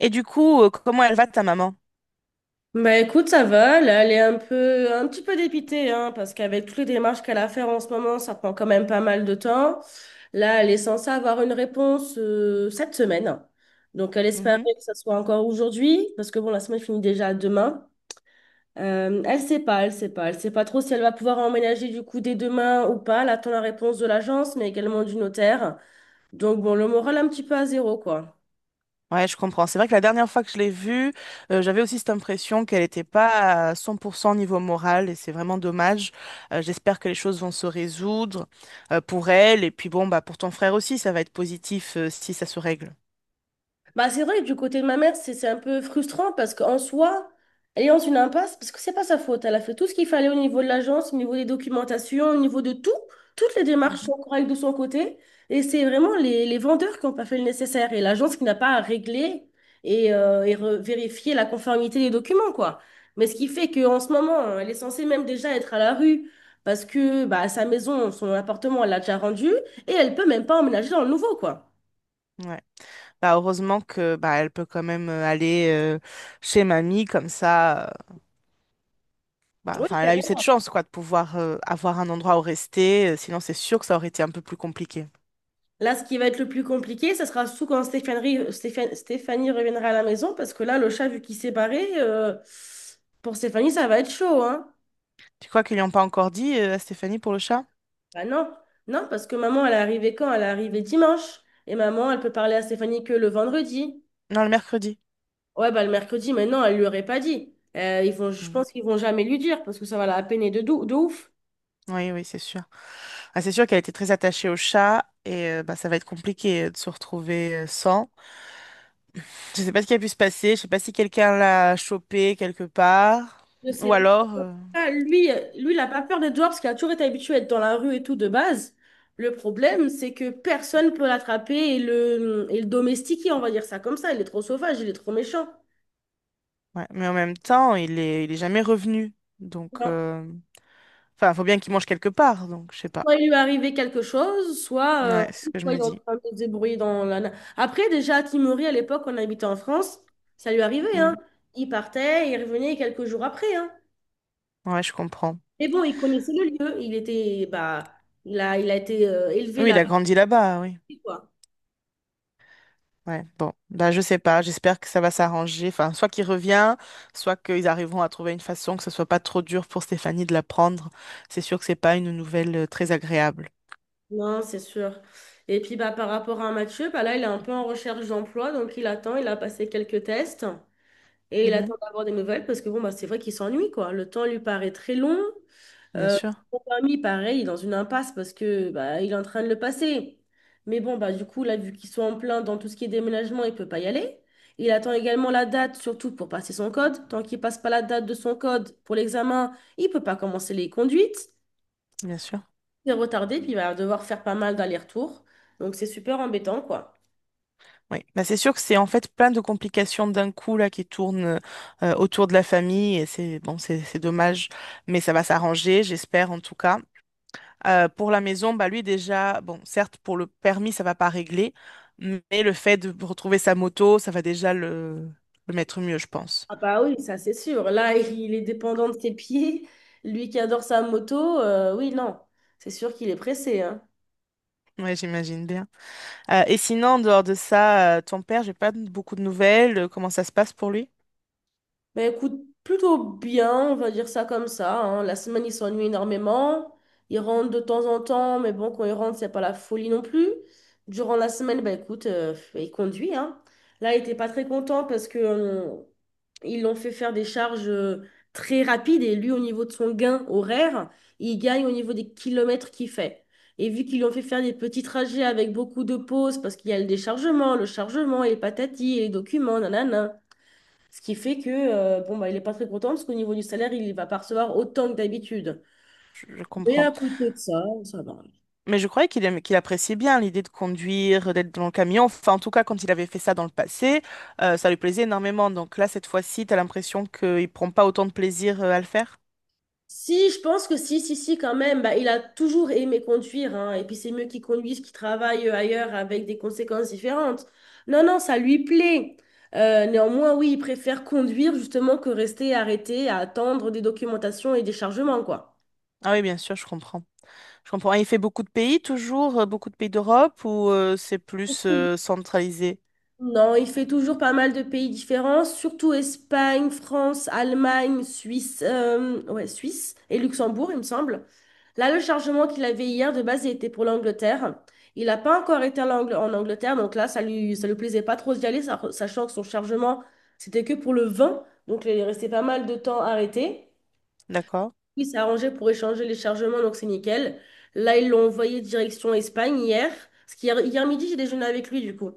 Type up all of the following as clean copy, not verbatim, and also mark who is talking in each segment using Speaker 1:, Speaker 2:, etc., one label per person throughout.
Speaker 1: Et du coup, comment elle va ta maman?
Speaker 2: Bah écoute, ça va, là, elle est un petit peu dépitée, hein, parce qu'avec toutes les démarches qu'elle a à faire en ce moment, ça prend quand même pas mal de temps. Là, elle est censée avoir une réponse cette semaine. Donc, elle espérait
Speaker 1: Mhm.
Speaker 2: que ça soit encore aujourd'hui, parce que bon, la semaine finit déjà demain. Elle sait pas trop si elle va pouvoir emménager du coup dès demain ou pas. Elle attend la réponse de l'agence, mais également du notaire. Donc bon, le moral un petit peu à zéro, quoi.
Speaker 1: Ouais, je comprends. C'est vrai que la dernière fois que je l'ai vue, j'avais aussi cette impression qu'elle n'était pas à 100% niveau moral et c'est vraiment dommage. J'espère que les choses vont se résoudre pour elle et puis bon, bah, pour ton frère aussi, ça va être positif, si ça se règle.
Speaker 2: Bah, c'est vrai que du côté de ma mère, c'est un peu frustrant parce qu'en soi, elle est dans une impasse parce que c'est pas sa faute. Elle a fait tout ce qu'il fallait au niveau de l'agence, au niveau des documentations, au niveau de tout. Toutes les démarches sont
Speaker 1: Mhm.
Speaker 2: correctes de son côté. Et c'est vraiment les vendeurs qui n'ont pas fait le nécessaire et l'agence qui n'a pas à régler et vérifier la conformité des documents, quoi. Mais ce qui fait qu'en ce moment, elle est censée même déjà être à la rue parce que bah, son appartement, elle l'a déjà rendu et elle peut même pas emménager dans le nouveau, quoi.
Speaker 1: Ouais. Bah, heureusement que bah, elle peut quand même aller chez mamie comme ça. Bah,
Speaker 2: Oui,
Speaker 1: enfin, elle a eu cette
Speaker 2: carrément.
Speaker 1: chance quoi, de pouvoir avoir un endroit où rester. Sinon, c'est sûr que ça aurait été un peu plus compliqué.
Speaker 2: Là, ce qui va être le plus compliqué, ça sera surtout quand Stéphanie reviendra à la maison, parce que là, le chat, vu qu'il s'est barré, pour Stéphanie, ça va être chaud, hein?
Speaker 1: Tu crois qu'ils n'ont pas encore dit à Stéphanie pour le chat?
Speaker 2: Bah non, non, parce que maman, elle est arrivée quand? Elle est arrivée dimanche. Et maman, elle peut parler à Stéphanie que le vendredi.
Speaker 1: Non, le mercredi.
Speaker 2: Ouais, bah le mercredi, mais non, elle lui aurait pas dit. Je
Speaker 1: Mm.
Speaker 2: pense qu'ils vont jamais lui dire, parce que ça va la peiner de ouf.
Speaker 1: Oui, oui, c'est sûr. Ah, c'est sûr qu'elle était très attachée au chat et bah, ça va être compliqué de se retrouver sans. Je sais pas ce qui a pu se passer. Je sais pas si quelqu'un l'a chopé quelque part
Speaker 2: Je sais
Speaker 1: ou
Speaker 2: pas.
Speaker 1: alors...
Speaker 2: En tout cas, lui, il n'a pas peur de dehors parce qu'il a toujours été habitué à être dans la rue et tout de base. Le problème, c'est que personne peut l'attraper et et le domestiquer, on va dire ça comme ça. Il est trop sauvage, il est trop méchant.
Speaker 1: Ouais. Mais en même temps, il est jamais revenu. Donc,
Speaker 2: Alors,
Speaker 1: enfin, faut bien qu'il mange quelque part. Donc, je sais pas.
Speaker 2: soit il lui est arrivé quelque chose,
Speaker 1: Ouais, c'est ce que je
Speaker 2: soit il
Speaker 1: me
Speaker 2: est en
Speaker 1: dis.
Speaker 2: train de se débrouiller dans Après, déjà, à Timory, à l'époque, on habitait en France, ça lui arrivait, hein.
Speaker 1: Mm.
Speaker 2: Il partait, il revenait quelques jours après, hein.
Speaker 1: Ouais, je comprends.
Speaker 2: Mais bon, il connaissait le lieu, il était, bah, il a été élevé
Speaker 1: Oui, il a
Speaker 2: là-bas,
Speaker 1: grandi là-bas. Oui.
Speaker 2: quoi.
Speaker 1: Ouais, bon, bah, je sais pas, j'espère que ça va s'arranger. Enfin, soit qu'il revient, soit qu'ils arriveront à trouver une façon que ce soit pas trop dur pour Stéphanie de l'apprendre. C'est sûr que c'est pas une nouvelle très agréable.
Speaker 2: Non, c'est sûr. Et puis bah, par rapport à Mathieu, bah, là, il est un peu en recherche d'emploi, donc il attend, il a passé quelques tests et il attend
Speaker 1: Mhm,
Speaker 2: d'avoir des nouvelles parce que bon, bah, c'est vrai qu'il s'ennuie, quoi. Le temps lui paraît très long.
Speaker 1: bien
Speaker 2: Euh,
Speaker 1: sûr,
Speaker 2: Son permis, pareil, il est dans une impasse parce que bah, il est en train de le passer. Mais bon, bah, du coup, là, vu qu'ils sont en plein dans tout ce qui est déménagement, il peut pas y aller. Il attend également la date, surtout pour passer son code. Tant qu'il passe pas la date de son code pour l'examen, il peut pas commencer les conduites.
Speaker 1: bien sûr.
Speaker 2: C'est retardé, puis il va devoir faire pas mal d'allers-retours. Donc c'est super embêtant, quoi.
Speaker 1: Oui, bah, c'est sûr que c'est en fait plein de complications d'un coup là qui tournent autour de la famille et c'est bon, c'est dommage, mais ça va s'arranger, j'espère en tout cas. Pour la maison, bah lui déjà, bon, certes, pour le permis, ça va pas régler, mais le fait de retrouver sa moto, ça va déjà le mettre mieux, je pense.
Speaker 2: Ah bah oui, ça c'est sûr. Là, il est dépendant de ses pieds. Lui qui adore sa moto, oui, non. C'est sûr qu'il est pressé, hein.
Speaker 1: Ouais, j'imagine bien. Et sinon, en dehors de ça, ton père, j'ai pas beaucoup de nouvelles. Comment ça se passe pour lui?
Speaker 2: Ben écoute, plutôt bien, on va dire ça comme ça, hein. La semaine, ils s'ennuient énormément. Ils rentrent de temps en temps, mais bon, quand ils rentrent, c'est pas la folie non plus. Durant la semaine, ben écoute, ils conduisent, hein. Là, ils étaient pas très contents parce que ils l'ont fait faire des charges très rapides et lui, au niveau de son gain horaire, il gagne au niveau des kilomètres qu'il fait. Et vu qu'ils l'ont fait faire des petits trajets avec beaucoup de pauses parce qu'il y a le déchargement, le chargement et les patatis et les documents, nanana. Ce qui fait que, bon, bah, il n'est pas très content parce qu'au niveau du salaire, il ne va pas recevoir autant que d'habitude.
Speaker 1: Je
Speaker 2: Mais
Speaker 1: comprends.
Speaker 2: à côté de ça, ça va.
Speaker 1: Mais je croyais qu'il qu'il appréciait bien l'idée de conduire, d'être dans le camion. Enfin, en tout cas, quand il avait fait ça dans le passé, ça lui plaisait énormément. Donc là, cette fois-ci, t'as l'impression qu'il prend pas autant de plaisir, à le faire?
Speaker 2: Si, je pense que si, quand même, bah, il a toujours aimé conduire, hein, et puis c'est mieux qu'il conduise, qu'il travaille ailleurs avec des conséquences différentes. Non, non, ça lui plaît. Néanmoins, oui, il préfère conduire justement que rester arrêté à attendre des documentations et des chargements, quoi.
Speaker 1: Ah oui, bien sûr, je comprends. Je comprends. Il fait beaucoup de pays toujours, beaucoup de pays d'Europe ou c'est plus centralisé?
Speaker 2: Non, il fait toujours pas mal de pays différents, surtout Espagne, France, Allemagne, Suisse, ouais, Suisse et Luxembourg, il me semble. Là, le chargement qu'il avait hier, de base, il était pour l'Angleterre. Il n'a pas encore été à en Angleterre, donc là, ça lui plaisait pas trop d'y aller, sachant que son chargement, c'était que pour le vin, donc il est resté pas mal de temps arrêté.
Speaker 1: D'accord.
Speaker 2: Il s'est arrangé pour échanger les chargements, donc c'est nickel. Là, ils l'ont envoyé direction Espagne hier, parce qu'hier midi, j'ai déjeuné avec lui, du coup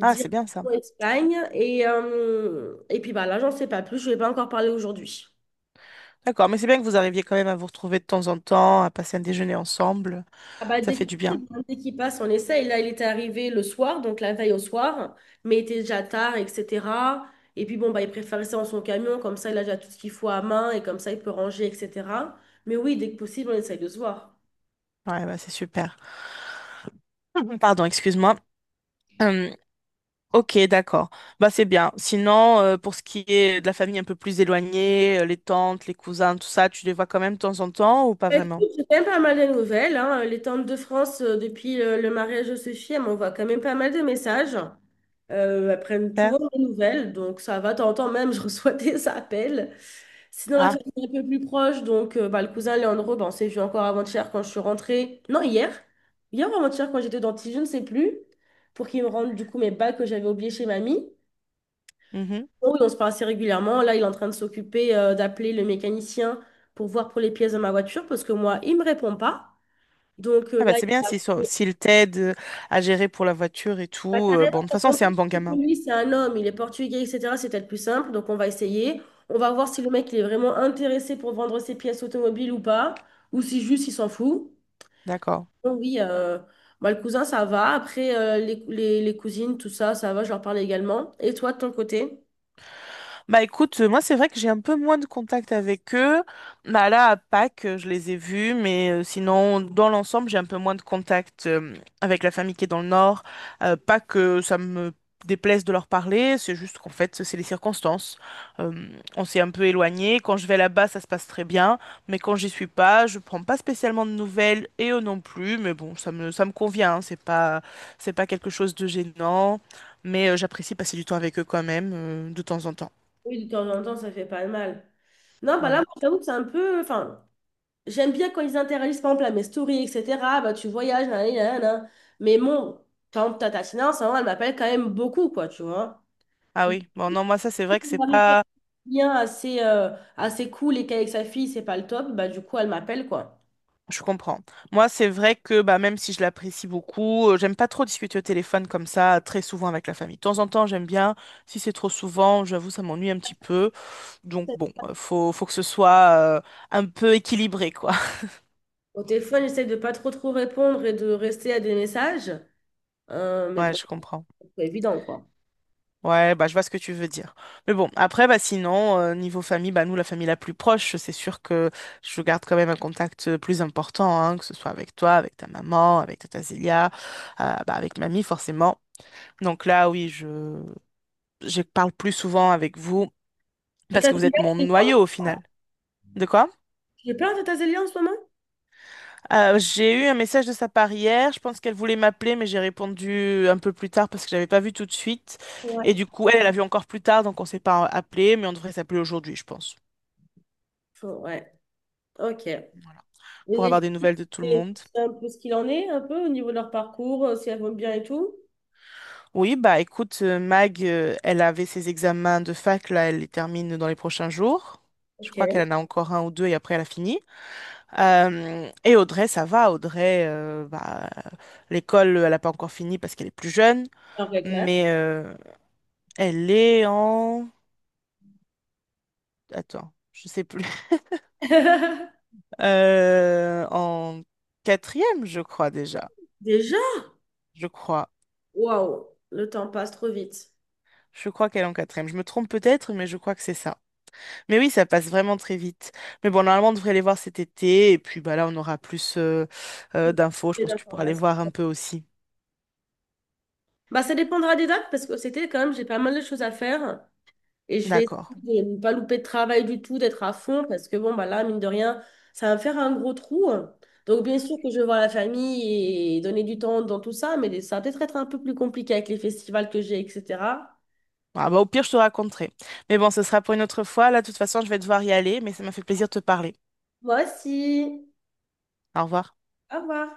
Speaker 1: Ah, c'est bien ça.
Speaker 2: Espagne. Et puis bah, là, j'en sais pas plus. Je vais pas encore parler aujourd'hui.
Speaker 1: D'accord, mais c'est bien que vous arriviez quand même à vous retrouver de temps en temps, à passer un déjeuner ensemble.
Speaker 2: Ah bah,
Speaker 1: Ça
Speaker 2: dès,
Speaker 1: fait du bien.
Speaker 2: qu'il dès qu'il passe, on essaye. Là, il était arrivé le soir, donc la veille au soir, mais il était déjà tard, etc. Et puis bon, bah, il préfère rester dans son camion, comme ça, il a déjà tout ce qu'il faut à main et comme ça, il peut ranger, etc. Mais oui, dès que possible, on essaye de se voir.
Speaker 1: Ouais, bah, c'est super. Pardon, excuse-moi. Euh, Ok, d'accord. Bah c'est bien. Sinon, pour ce qui est de la famille un peu plus éloignée, les tantes, les cousins, tout ça, tu les vois quand même de temps en temps ou pas
Speaker 2: Bah,
Speaker 1: vraiment?
Speaker 2: écoute, j'ai quand même pas mal de nouvelles, hein. Les Temples de France, depuis le mariage de Sophie, elles m'envoient quand même pas mal de messages. Elles prennent
Speaker 1: Père?
Speaker 2: toujours mes nouvelles, donc ça va. De temps en temps même, je reçois des appels. Sinon, la
Speaker 1: Ah,
Speaker 2: famille est un peu plus proche, donc bah, le cousin, il bah on s'est vu encore avant-hier quand je suis rentrée. Non, hier. Hier ou avant-hier quand j'étais dentiste, je ne sais plus. Pour qu'il me rende du coup mes bagues que j'avais oubliées chez mamie.
Speaker 1: mhm.
Speaker 2: Oui, on se parle assez régulièrement. Là, il est en train de s'occuper d'appeler le mécanicien pour voir pour les pièces de ma voiture parce que moi, il me répond pas. Donc
Speaker 1: Ah bah
Speaker 2: là,
Speaker 1: c'est
Speaker 2: il
Speaker 1: bien
Speaker 2: va...
Speaker 1: s'ils t'aident à gérer pour la voiture et
Speaker 2: Bah,
Speaker 1: tout.
Speaker 2: carrément,
Speaker 1: Bon, de toute
Speaker 2: parce
Speaker 1: façon,
Speaker 2: qu'en
Speaker 1: c'est
Speaker 2: plus,
Speaker 1: un bon gamin.
Speaker 2: lui, c'est un homme, il est portugais, etc. C'est peut-être plus simple. Donc on va essayer. On va voir si le mec, il est vraiment intéressé pour vendre ses pièces automobiles ou pas, ou si juste il s'en fout.
Speaker 1: D'accord.
Speaker 2: Donc oui, bah, le cousin, ça va. Après, les cousines, tout ça, ça va, je leur parle également. Et toi, de ton côté?
Speaker 1: Bah écoute, moi c'est vrai que j'ai un peu moins de contact avec eux. Bah là à Pâques, je les ai vus, mais sinon dans l'ensemble, j'ai un peu moins de contact avec la famille qui est dans le nord. Pas que ça me déplaise de leur parler, c'est juste qu'en fait, c'est les circonstances. Euh, on s'est un peu éloigné. Quand je vais là-bas, ça se passe très bien, mais quand j'y suis pas, je prends pas spécialement de nouvelles et eux non plus, mais bon, ça me convient, hein, c'est pas quelque chose de gênant. Mais j'apprécie passer du temps avec eux quand même, de temps en temps.
Speaker 2: Oui, de temps en temps, ça fait pas de mal. Non, bah là, moi,
Speaker 1: Voilà.
Speaker 2: j'avoue que c'est un peu. Enfin, j'aime bien quand ils interagissent, par exemple, à mes stories, etc. Bah, tu voyages, nanani, nanana. Mais bon, par exemple, Tata Tina, en ce moment, elle m'appelle quand même beaucoup, quoi, tu vois.
Speaker 1: Ah
Speaker 2: Donc,
Speaker 1: oui, bon non, moi ça c'est
Speaker 2: si
Speaker 1: vrai que c'est
Speaker 2: arrive à être
Speaker 1: pas...
Speaker 2: bien assez, assez cool et qu'avec sa fille, c'est pas le top, bah, du coup, elle m'appelle, quoi.
Speaker 1: Je comprends. Moi c'est vrai que bah, même si je l'apprécie beaucoup, j'aime pas trop discuter au téléphone comme ça très souvent avec la famille. De temps en temps j'aime bien, si c'est trop souvent, j'avoue ça m'ennuie un petit peu. Donc bon, faut que ce soit un peu équilibré quoi.
Speaker 2: Au téléphone, j'essaie de pas trop trop répondre et de rester à des messages. Mais
Speaker 1: Ouais,
Speaker 2: bon,
Speaker 1: je comprends.
Speaker 2: c'est pas évident, quoi.
Speaker 1: Ouais, bah, je vois ce que tu veux dire. Mais bon, après, bah, sinon, niveau famille, bah, nous, la famille la plus proche, c'est sûr que je garde quand même un contact plus important, hein, que ce soit avec toi, avec ta maman, avec Tata Zélia, bah, avec mamie, forcément. Donc là, oui, je parle plus souvent avec vous parce
Speaker 2: Tata
Speaker 1: que vous êtes
Speaker 2: Zélia,
Speaker 1: mon
Speaker 2: tu es pas.
Speaker 1: noyau au final. De quoi?
Speaker 2: J'ai plein de Tata Zélia en ce moment?
Speaker 1: J'ai eu un message de sa part hier. Je pense qu'elle voulait m'appeler, mais j'ai répondu un peu plus tard parce que j'avais pas vu tout de suite. Et
Speaker 2: Ouais.
Speaker 1: du coup, elle a vu encore plus tard, donc on s'est pas appelé, mais on devrait s'appeler aujourd'hui, je pense.
Speaker 2: Ouais, ok. Et
Speaker 1: Voilà. Pour
Speaker 2: les
Speaker 1: avoir des
Speaker 2: filles,
Speaker 1: nouvelles de tout le
Speaker 2: c'est
Speaker 1: monde.
Speaker 2: c'est un peu ce qu'il en est, un peu au niveau de leur parcours, si elles vont bien et tout.
Speaker 1: Oui, bah écoute, Mag, elle avait ses examens de fac, là, elle les termine dans les prochains jours. Je
Speaker 2: Ok,
Speaker 1: crois qu'elle en a encore un ou deux et après elle a fini. Et Audrey, ça va. Audrey, bah, l'école, elle n'a pas encore fini parce qu'elle est plus jeune,
Speaker 2: leur vraie
Speaker 1: mais
Speaker 2: classe.
Speaker 1: elle est en... Attends, je sais plus. En quatrième, je crois déjà.
Speaker 2: Déjà,
Speaker 1: Je crois.
Speaker 2: waouh, le temps passe trop vite.
Speaker 1: Je crois qu'elle est en quatrième. Je me trompe peut-être, mais je crois que c'est ça. Mais oui, ça passe vraiment très vite. Mais bon, normalement, on devrait les voir cet été. Et puis bah, là, on aura plus d'infos. Je
Speaker 2: J'ai
Speaker 1: pense que tu pourras les voir
Speaker 2: l'information.
Speaker 1: un peu aussi.
Speaker 2: Bah, ça dépendra des dates parce que c'était quand même, j'ai pas mal de choses à faire et je vais
Speaker 1: D'accord.
Speaker 2: essayer de ne pas louper de travail du tout, d'être à fond parce que bon, bah là, mine de rien, ça va me faire un gros trou. Donc, bien sûr que je vais voir la famille et donner du temps dans tout ça, mais ça va peut-être être un peu plus compliqué avec les festivals que j'ai, etc.
Speaker 1: Ah, bah, au pire, je te raconterai. Mais bon, ce sera pour une autre fois. Là, de toute façon, je vais devoir y aller. Mais ça m'a fait plaisir de te parler.
Speaker 2: Moi aussi.
Speaker 1: Au revoir.
Speaker 2: Au revoir.